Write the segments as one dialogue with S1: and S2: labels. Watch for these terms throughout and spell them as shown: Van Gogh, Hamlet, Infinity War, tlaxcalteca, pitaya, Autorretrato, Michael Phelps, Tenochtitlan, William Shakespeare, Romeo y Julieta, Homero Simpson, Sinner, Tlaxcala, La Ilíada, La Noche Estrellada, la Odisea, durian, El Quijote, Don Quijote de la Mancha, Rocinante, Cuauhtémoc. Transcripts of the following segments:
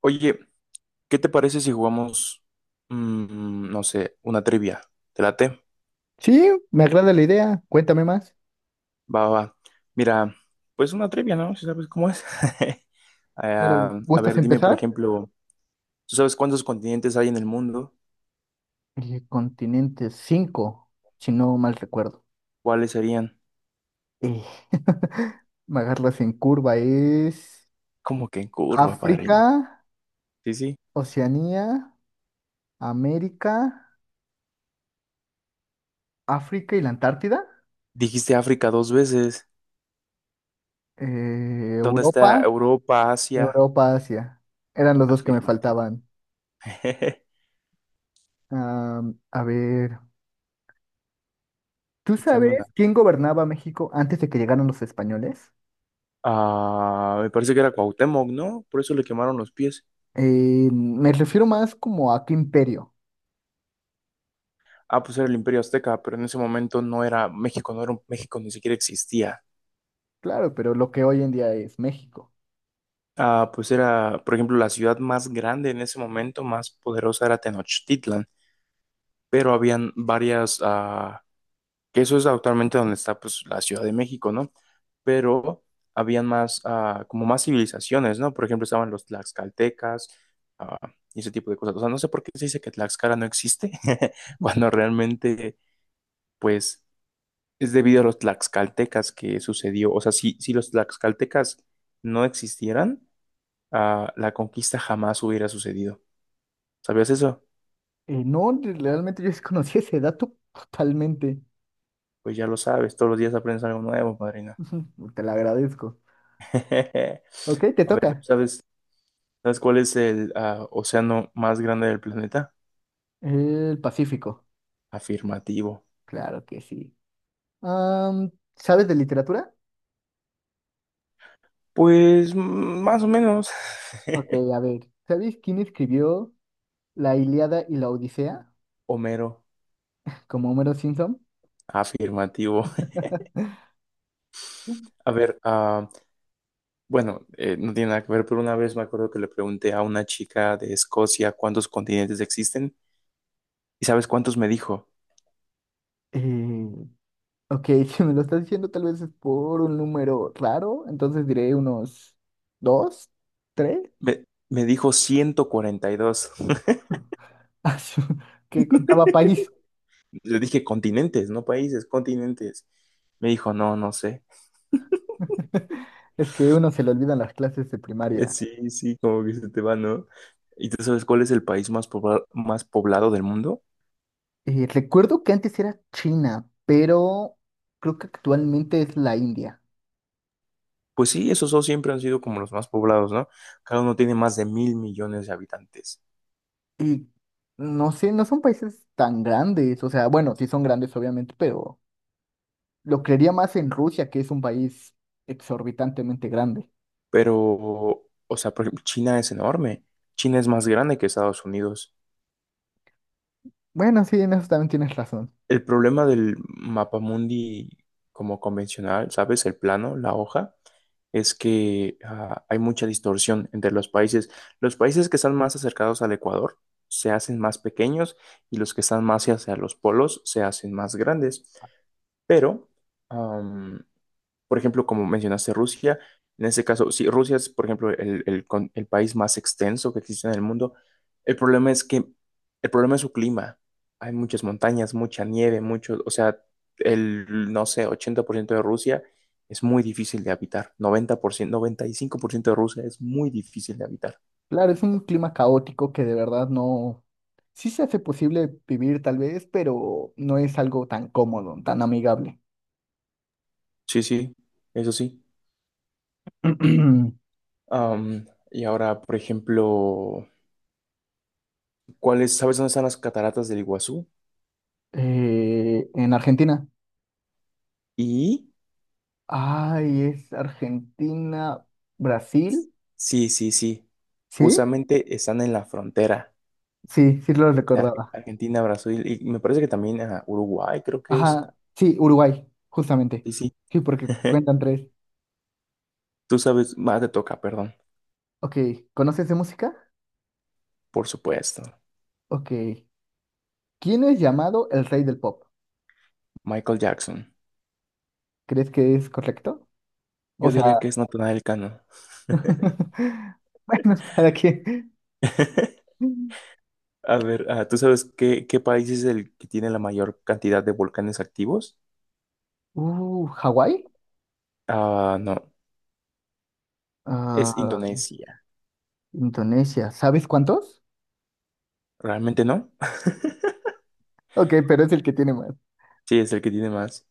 S1: Oye, ¿qué te parece si jugamos, no sé, una trivia? ¿Te late?
S2: Sí, me agrada la idea. Cuéntame más.
S1: Va. Mira, pues una trivia, ¿no? Si sabes cómo es.
S2: Claro,
S1: A
S2: ¿gustas?
S1: ver,
S2: Bueno,
S1: dime, por
S2: empezar.
S1: ejemplo, ¿tú sabes cuántos continentes hay en el mundo?
S2: El continente 5, si no mal recuerdo.
S1: ¿Cuáles serían?
S2: Eh, me agarras en curva. Es
S1: ¿Cómo que en curva,
S2: África,
S1: padrino? Sí, sí.
S2: Oceanía, América, África y la Antártida.
S1: Dijiste África dos veces. ¿Dónde está
S2: Europa,
S1: Europa, Asia?
S2: Europa, Asia. Eran los dos que me
S1: Afirmativo.
S2: faltaban. A ver, ¿tú
S1: Échame una.
S2: sabes quién gobernaba México antes de que llegaran los españoles?
S1: Ah, me parece que era Cuauhtémoc, ¿no? Por eso le quemaron los pies.
S2: Me refiero más como a qué imperio.
S1: Ah, pues era el Imperio Azteca, pero en ese momento no era México, México ni siquiera existía.
S2: Claro, pero lo que hoy en día es México.
S1: Ah, pues era, por ejemplo, la ciudad más grande en ese momento, más poderosa era Tenochtitlan, pero habían varias, que eso es actualmente donde está, pues, la Ciudad de México, ¿no? Pero habían más, como más civilizaciones, ¿no? Por ejemplo, estaban los tlaxcaltecas, ah, y ese tipo de cosas. O sea, no sé por qué se dice que Tlaxcala no existe, cuando realmente, pues es debido a los tlaxcaltecas que sucedió. O sea, si los tlaxcaltecas no existieran, la conquista jamás hubiera sucedido. ¿Sabías eso?
S2: No, realmente yo desconocí ese dato totalmente.
S1: Pues ya lo sabes, todos los días aprendes algo nuevo, madrina.
S2: Te lo agradezco. Ok, te
S1: A ver, ¿tú
S2: toca.
S1: ¿sabes, sabes cuál es el océano más grande del planeta?
S2: El Pacífico.
S1: Afirmativo.
S2: Claro que sí. Am, ¿Sabes de literatura?
S1: Pues más o menos.
S2: Ok, a ver. ¿Sabes quién escribió La Ilíada y la Odisea?
S1: Homero,
S2: Como Homero Simpson.
S1: afirmativo. A ver, bueno, no tiene nada que ver, pero una vez me acuerdo que le pregunté a una chica de Escocia cuántos continentes existen y ¿sabes cuántos me dijo?
S2: Eh, ok, si me lo estás diciendo tal vez es por un número raro, entonces diré unos dos, tres,
S1: Me dijo 142.
S2: Ah, que contaba países.
S1: Le dije continentes, no países, continentes. Me dijo, no, no sé.
S2: Es que uno se le olvidan las clases de primaria.
S1: Sí, sí, como que se te va, ¿no? ¿Y tú sabes cuál es el país más poblado del mundo?
S2: Recuerdo que antes era China, pero creo que actualmente es la India.
S1: Pues sí, esos dos siempre han sido como los más poblados, ¿no? Cada uno tiene más de 1.000 millones de habitantes.
S2: Y no sé, no son países tan grandes. O sea, bueno, sí son grandes, obviamente, pero lo creería más en Rusia, que es un país exorbitantemente grande.
S1: Pero, o sea, por ejemplo, China es enorme. China es más grande que Estados Unidos.
S2: Bueno, sí, en eso también tienes razón.
S1: El problema del mapa mundi como convencional, ¿sabes? El plano, la hoja, es que hay mucha distorsión entre los países. Los países que están más acercados al Ecuador se hacen más pequeños y los que están más hacia los polos se hacen más grandes. Pero, am, por ejemplo, como mencionaste Rusia, en ese caso, si Rusia es, por ejemplo, el país más extenso que existe en el mundo, el problema es que, el problema es su clima. Hay muchas montañas, mucha nieve, mucho, o sea, el, no sé, 80% de Rusia es muy difícil de habitar. Noventa por ciento, 95% de Rusia es muy difícil de habitar.
S2: Claro, es un clima caótico que de verdad no... Sí se hace posible vivir tal vez, pero no es algo tan cómodo, tan amigable.
S1: Sí, sí, eso sí. Y ahora, por ejemplo, sabes dónde están las cataratas del Iguazú?
S2: En Argentina.
S1: Y
S2: Ay, es Argentina, Brasil.
S1: sí, sí, sí.
S2: ¿Sí?
S1: Justamente están en la frontera
S2: Sí, sí lo recordaba.
S1: Argentina, Brasil y me parece que también a Uruguay, creo que es.
S2: Ajá, sí, Uruguay, justamente.
S1: Sí, sí.
S2: Sí, porque cuentan tres.
S1: Tú sabes, más te toca, perdón.
S2: Ok, ¿conoces de música?
S1: Por supuesto.
S2: Ok. ¿Quién es llamado el rey del pop?
S1: Michael Jackson.
S2: ¿Crees que es correcto? O
S1: Yo
S2: sea,
S1: diría que es Natanael Cano.
S2: bueno, cada quien.
S1: A ver, ¿tú sabes qué país es el que tiene la mayor cantidad de volcanes activos?
S2: ¿Hawái?
S1: Ah, no. Es
S2: Ah,
S1: Indonesia.
S2: Indonesia. ¿Sabes cuántos?
S1: ¿Realmente no?
S2: Ok, pero es el que tiene más.
S1: Sí, es el que tiene más.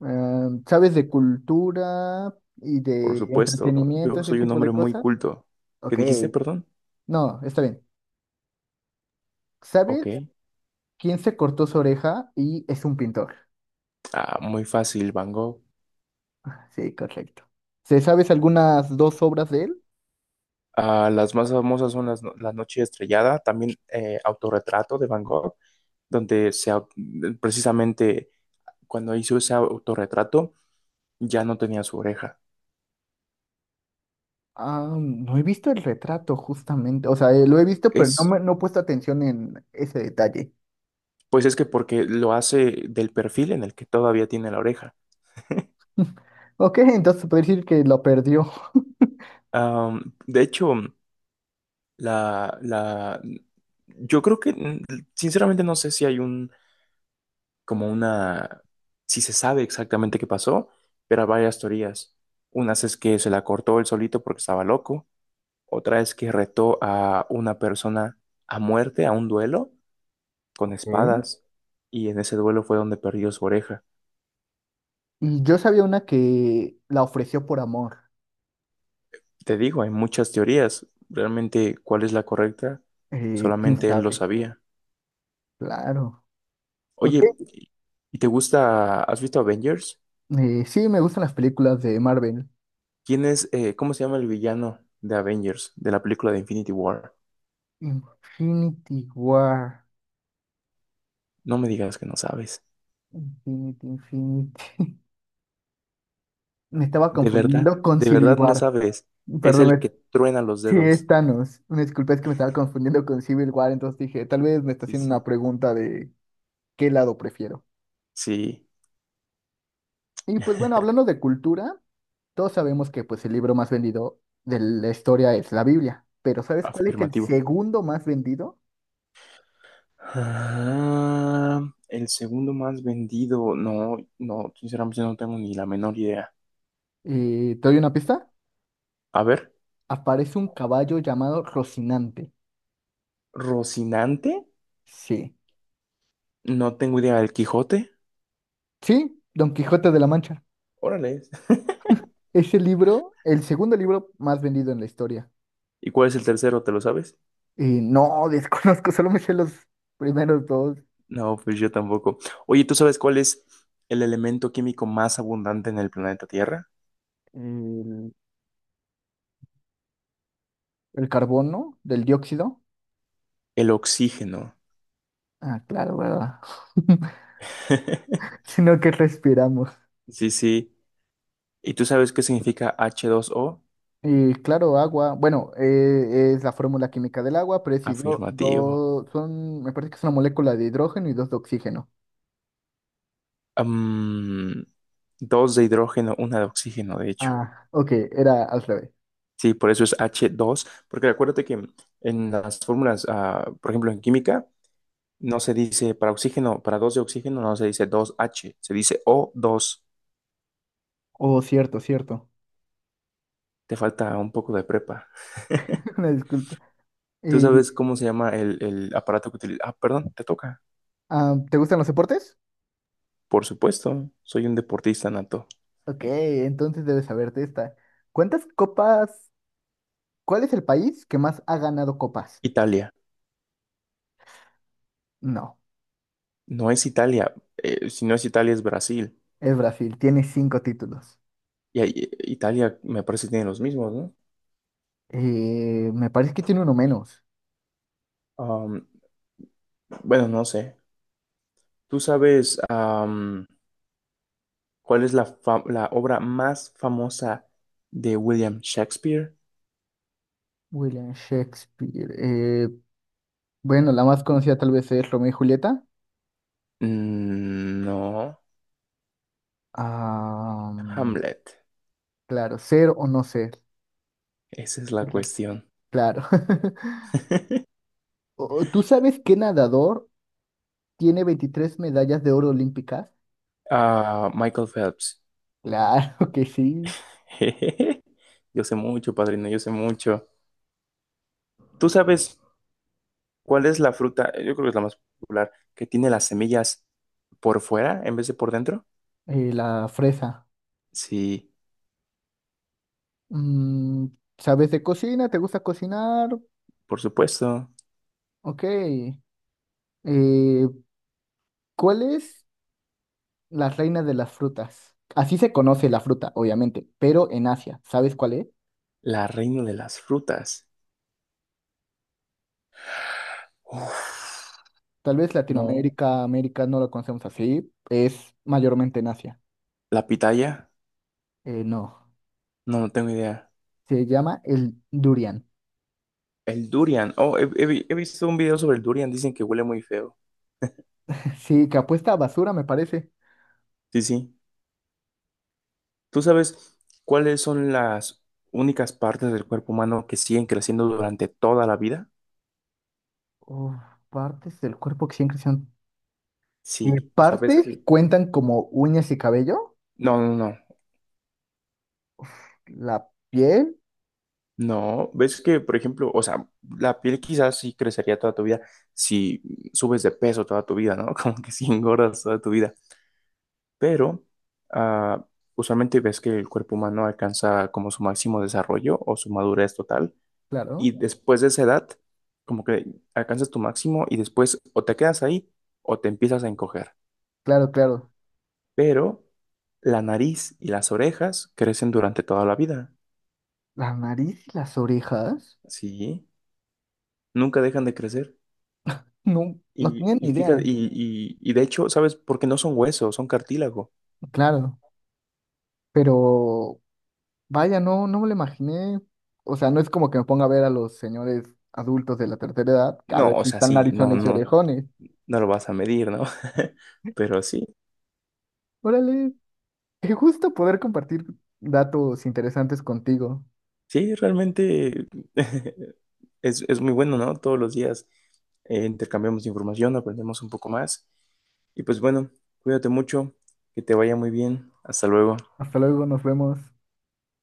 S2: Ah, ¿sabes de cultura y
S1: Por
S2: de
S1: supuesto.
S2: entretenimiento,
S1: Yo
S2: ese
S1: soy un
S2: tipo
S1: hombre
S2: de
S1: muy
S2: cosas?
S1: culto. ¿Qué
S2: Ok.
S1: dijiste, perdón?
S2: No, está bien.
S1: Ok.
S2: ¿Sabes quién se cortó su oreja y es un pintor?
S1: Ah, muy fácil, Van Gogh.
S2: Sí, correcto. ¿Se sabes algunas dos obras de él?
S1: Ah, las más famosas son las, no- La Noche Estrellada, también Autorretrato de Van Gogh, donde se, au- precisamente cuando hizo ese autorretrato ya no tenía su oreja.
S2: Ah, no he visto el retrato justamente. O sea, lo he visto, pero no,
S1: Es,
S2: me, no he puesto atención en ese detalle.
S1: pues es que porque lo hace del perfil en el que todavía tiene la oreja.
S2: Ok, entonces se puede decir que lo perdió.
S1: De hecho, la, la, yo creo que, sinceramente, no sé si hay un como una, sí se sabe exactamente qué pasó, pero hay varias teorías. Unas es que se la cortó él solito porque estaba loco, otra es que retó a una persona a muerte, a un duelo, con
S2: Ok.
S1: espadas, y en ese duelo fue donde perdió su oreja.
S2: Y yo sabía una que la ofreció por amor.
S1: Te digo, hay muchas teorías, realmente cuál es la correcta,
S2: ¿Quién
S1: solamente él lo
S2: sabe?
S1: sabía.
S2: Claro. Ok,
S1: Oye, ¿y te gusta, has visto Avengers?
S2: Sí, me gustan las películas de Marvel.
S1: ¿Quién es, cómo se llama el villano de Avengers, de la película de Infinity War?
S2: Infinity War.
S1: No me digas que no sabes.
S2: Infinity, Infinity. Me estaba
S1: De verdad,
S2: confundiendo con
S1: de
S2: Civil
S1: verdad no
S2: War.
S1: sabes. Es
S2: Perdón,
S1: el que truena los
S2: sí,
S1: dedos.
S2: es Thanos. Una disculpa, es que me estaba confundiendo con Civil War, entonces dije, tal vez me está
S1: Sí,
S2: haciendo una
S1: sí.
S2: pregunta de qué lado prefiero.
S1: Sí,
S2: Y pues bueno, hablando de cultura, todos sabemos que pues el libro más vendido de la historia es la Biblia, pero ¿sabes cuál es el
S1: afirmativo.
S2: segundo más vendido?
S1: Ah, el segundo más vendido. No, no, sinceramente no tengo ni la menor idea.
S2: ¿Te doy una pista?
S1: A ver,
S2: Aparece un caballo llamado Rocinante.
S1: Rocinante.
S2: Sí,
S1: No tengo idea. ¿El Quijote?
S2: sí, Don Quijote de la Mancha.
S1: Órale.
S2: Ese libro, el segundo libro más vendido en la historia.
S1: ¿Y cuál es el tercero? ¿Te lo sabes?
S2: Y no, desconozco, solo me sé los primeros dos.
S1: No, pues yo tampoco. Oye, ¿tú sabes cuál es el elemento químico más abundante en el planeta Tierra?
S2: El, el carbono del dióxido.
S1: El oxígeno.
S2: Ah, claro, ¿verdad? Sino que respiramos.
S1: Sí, sí. ¿Y tú sabes qué significa h dos o
S2: Y claro, agua. Bueno, es la fórmula química del agua, pero es hidro,
S1: afirmativo.
S2: son, me parece que es una molécula de hidrógeno y dos de oxígeno.
S1: Am, Dos de hidrógeno, una de oxígeno, de hecho.
S2: Ah, ok, era al revés.
S1: Sí, por eso es h dos. Porque acuérdate que en las fórmulas, por ejemplo, en química, no se dice para oxígeno, para dos de oxígeno, no se dice dos h, se dice o dos.
S2: Oh, cierto, cierto.
S1: Te falta un poco de prepa.
S2: Una disculpa.
S1: ¿Tú sabes cómo se llama el aparato que utiliza? Ah, perdón, te toca.
S2: Ah, ¿te gustan los deportes?
S1: Por supuesto, soy un deportista nato.
S2: Ok, entonces debes saberte esta. ¿Cuántas copas? ¿Cuál es el país que más ha ganado copas?
S1: Italia.
S2: No,
S1: No es Italia. Si no es Italia, es Brasil.
S2: es Brasil, tiene 5 títulos.
S1: Y ahí- Italia me parece que tiene los mismos, ¿no?
S2: Me parece que tiene uno menos.
S1: Am, bueno, no sé. ¿Tú sabes cuál es la obra más famosa de William Shakespeare?
S2: William Shakespeare. Bueno, la más conocida tal vez es Romeo y Julieta.
S1: Mm, no.
S2: Ah,
S1: Hamlet.
S2: claro, ser o no ser.
S1: Esa es la
S2: Cla-
S1: cuestión.
S2: Claro. ¿Tú sabes qué nadador tiene 23 medallas de oro olímpicas?
S1: Ah, Michael Phelps.
S2: Claro que sí.
S1: Yo sé mucho, padrino, yo sé mucho. ¿Tú sabes cuál es la fruta? Yo creo que es la más popular, que tiene las semillas por fuera en vez de por dentro.
S2: La fresa.
S1: Sí,
S2: Mm, ¿Sabes de cocina? ¿Te gusta cocinar?
S1: por supuesto.
S2: Ok. Eh, ¿Cuál es la reina de las frutas? Así se conoce la fruta, obviamente, pero en Asia, ¿sabes cuál es?
S1: La reina de las frutas. Uf,
S2: Tal vez
S1: no.
S2: Latinoamérica, América no lo conocemos así, es mayormente en Asia.
S1: La pitaya.
S2: No,
S1: No, no tengo idea.
S2: se llama el durian.
S1: El durian. Oh, he visto un video sobre el durian. Dicen que huele muy feo.
S2: Sí, que apuesta a basura, me parece.
S1: Sí, sí. ¿Tú sabes cuáles son las únicas partes del cuerpo humano que siguen creciendo durante toda la vida?
S2: Uf, partes del cuerpo que siempre son...
S1: Sí. O sea, ves
S2: partes
S1: que...
S2: cuentan como uñas y cabello,
S1: No, no, no.
S2: la piel,
S1: No. Ves que, por ejemplo, o sea, la piel quizás sí crecería toda tu vida si subes de peso toda tu vida, ¿no? Como que si engordas toda tu vida. Pero ah, usualmente ves que el cuerpo humano alcanza como su máximo desarrollo o su madurez total y
S2: claro,
S1: después de esa edad como que alcanzas tu máximo y después o te quedas ahí o te empiezas a encoger.
S2: claro, claro.
S1: Pero la nariz y las orejas crecen durante toda la vida,
S2: La nariz y las orejas.
S1: ¿sí? Nunca dejan de crecer.
S2: No, no
S1: Y,
S2: tenía
S1: y
S2: ni
S1: fíjate,
S2: idea,
S1: y de hecho, ¿sabes? Porque no son huesos, son cartílago.
S2: claro. Pero vaya, no, no me lo imaginé. O sea, no es como que me ponga a ver a los señores adultos de la tercera edad, que a
S1: No,
S2: ver
S1: o
S2: si
S1: sea,
S2: están
S1: sí, no,
S2: narizones y No.
S1: no,
S2: orejones.
S1: no lo vas a medir, ¿no? Pero sí.
S2: Órale, qué gusto poder compartir datos interesantes contigo.
S1: Sí, realmente es muy bueno, ¿no? Todos los días intercambiamos información, aprendemos un poco más. Y pues bueno, cuídate mucho, que te vaya muy bien. Hasta luego.
S2: Hasta luego, nos vemos.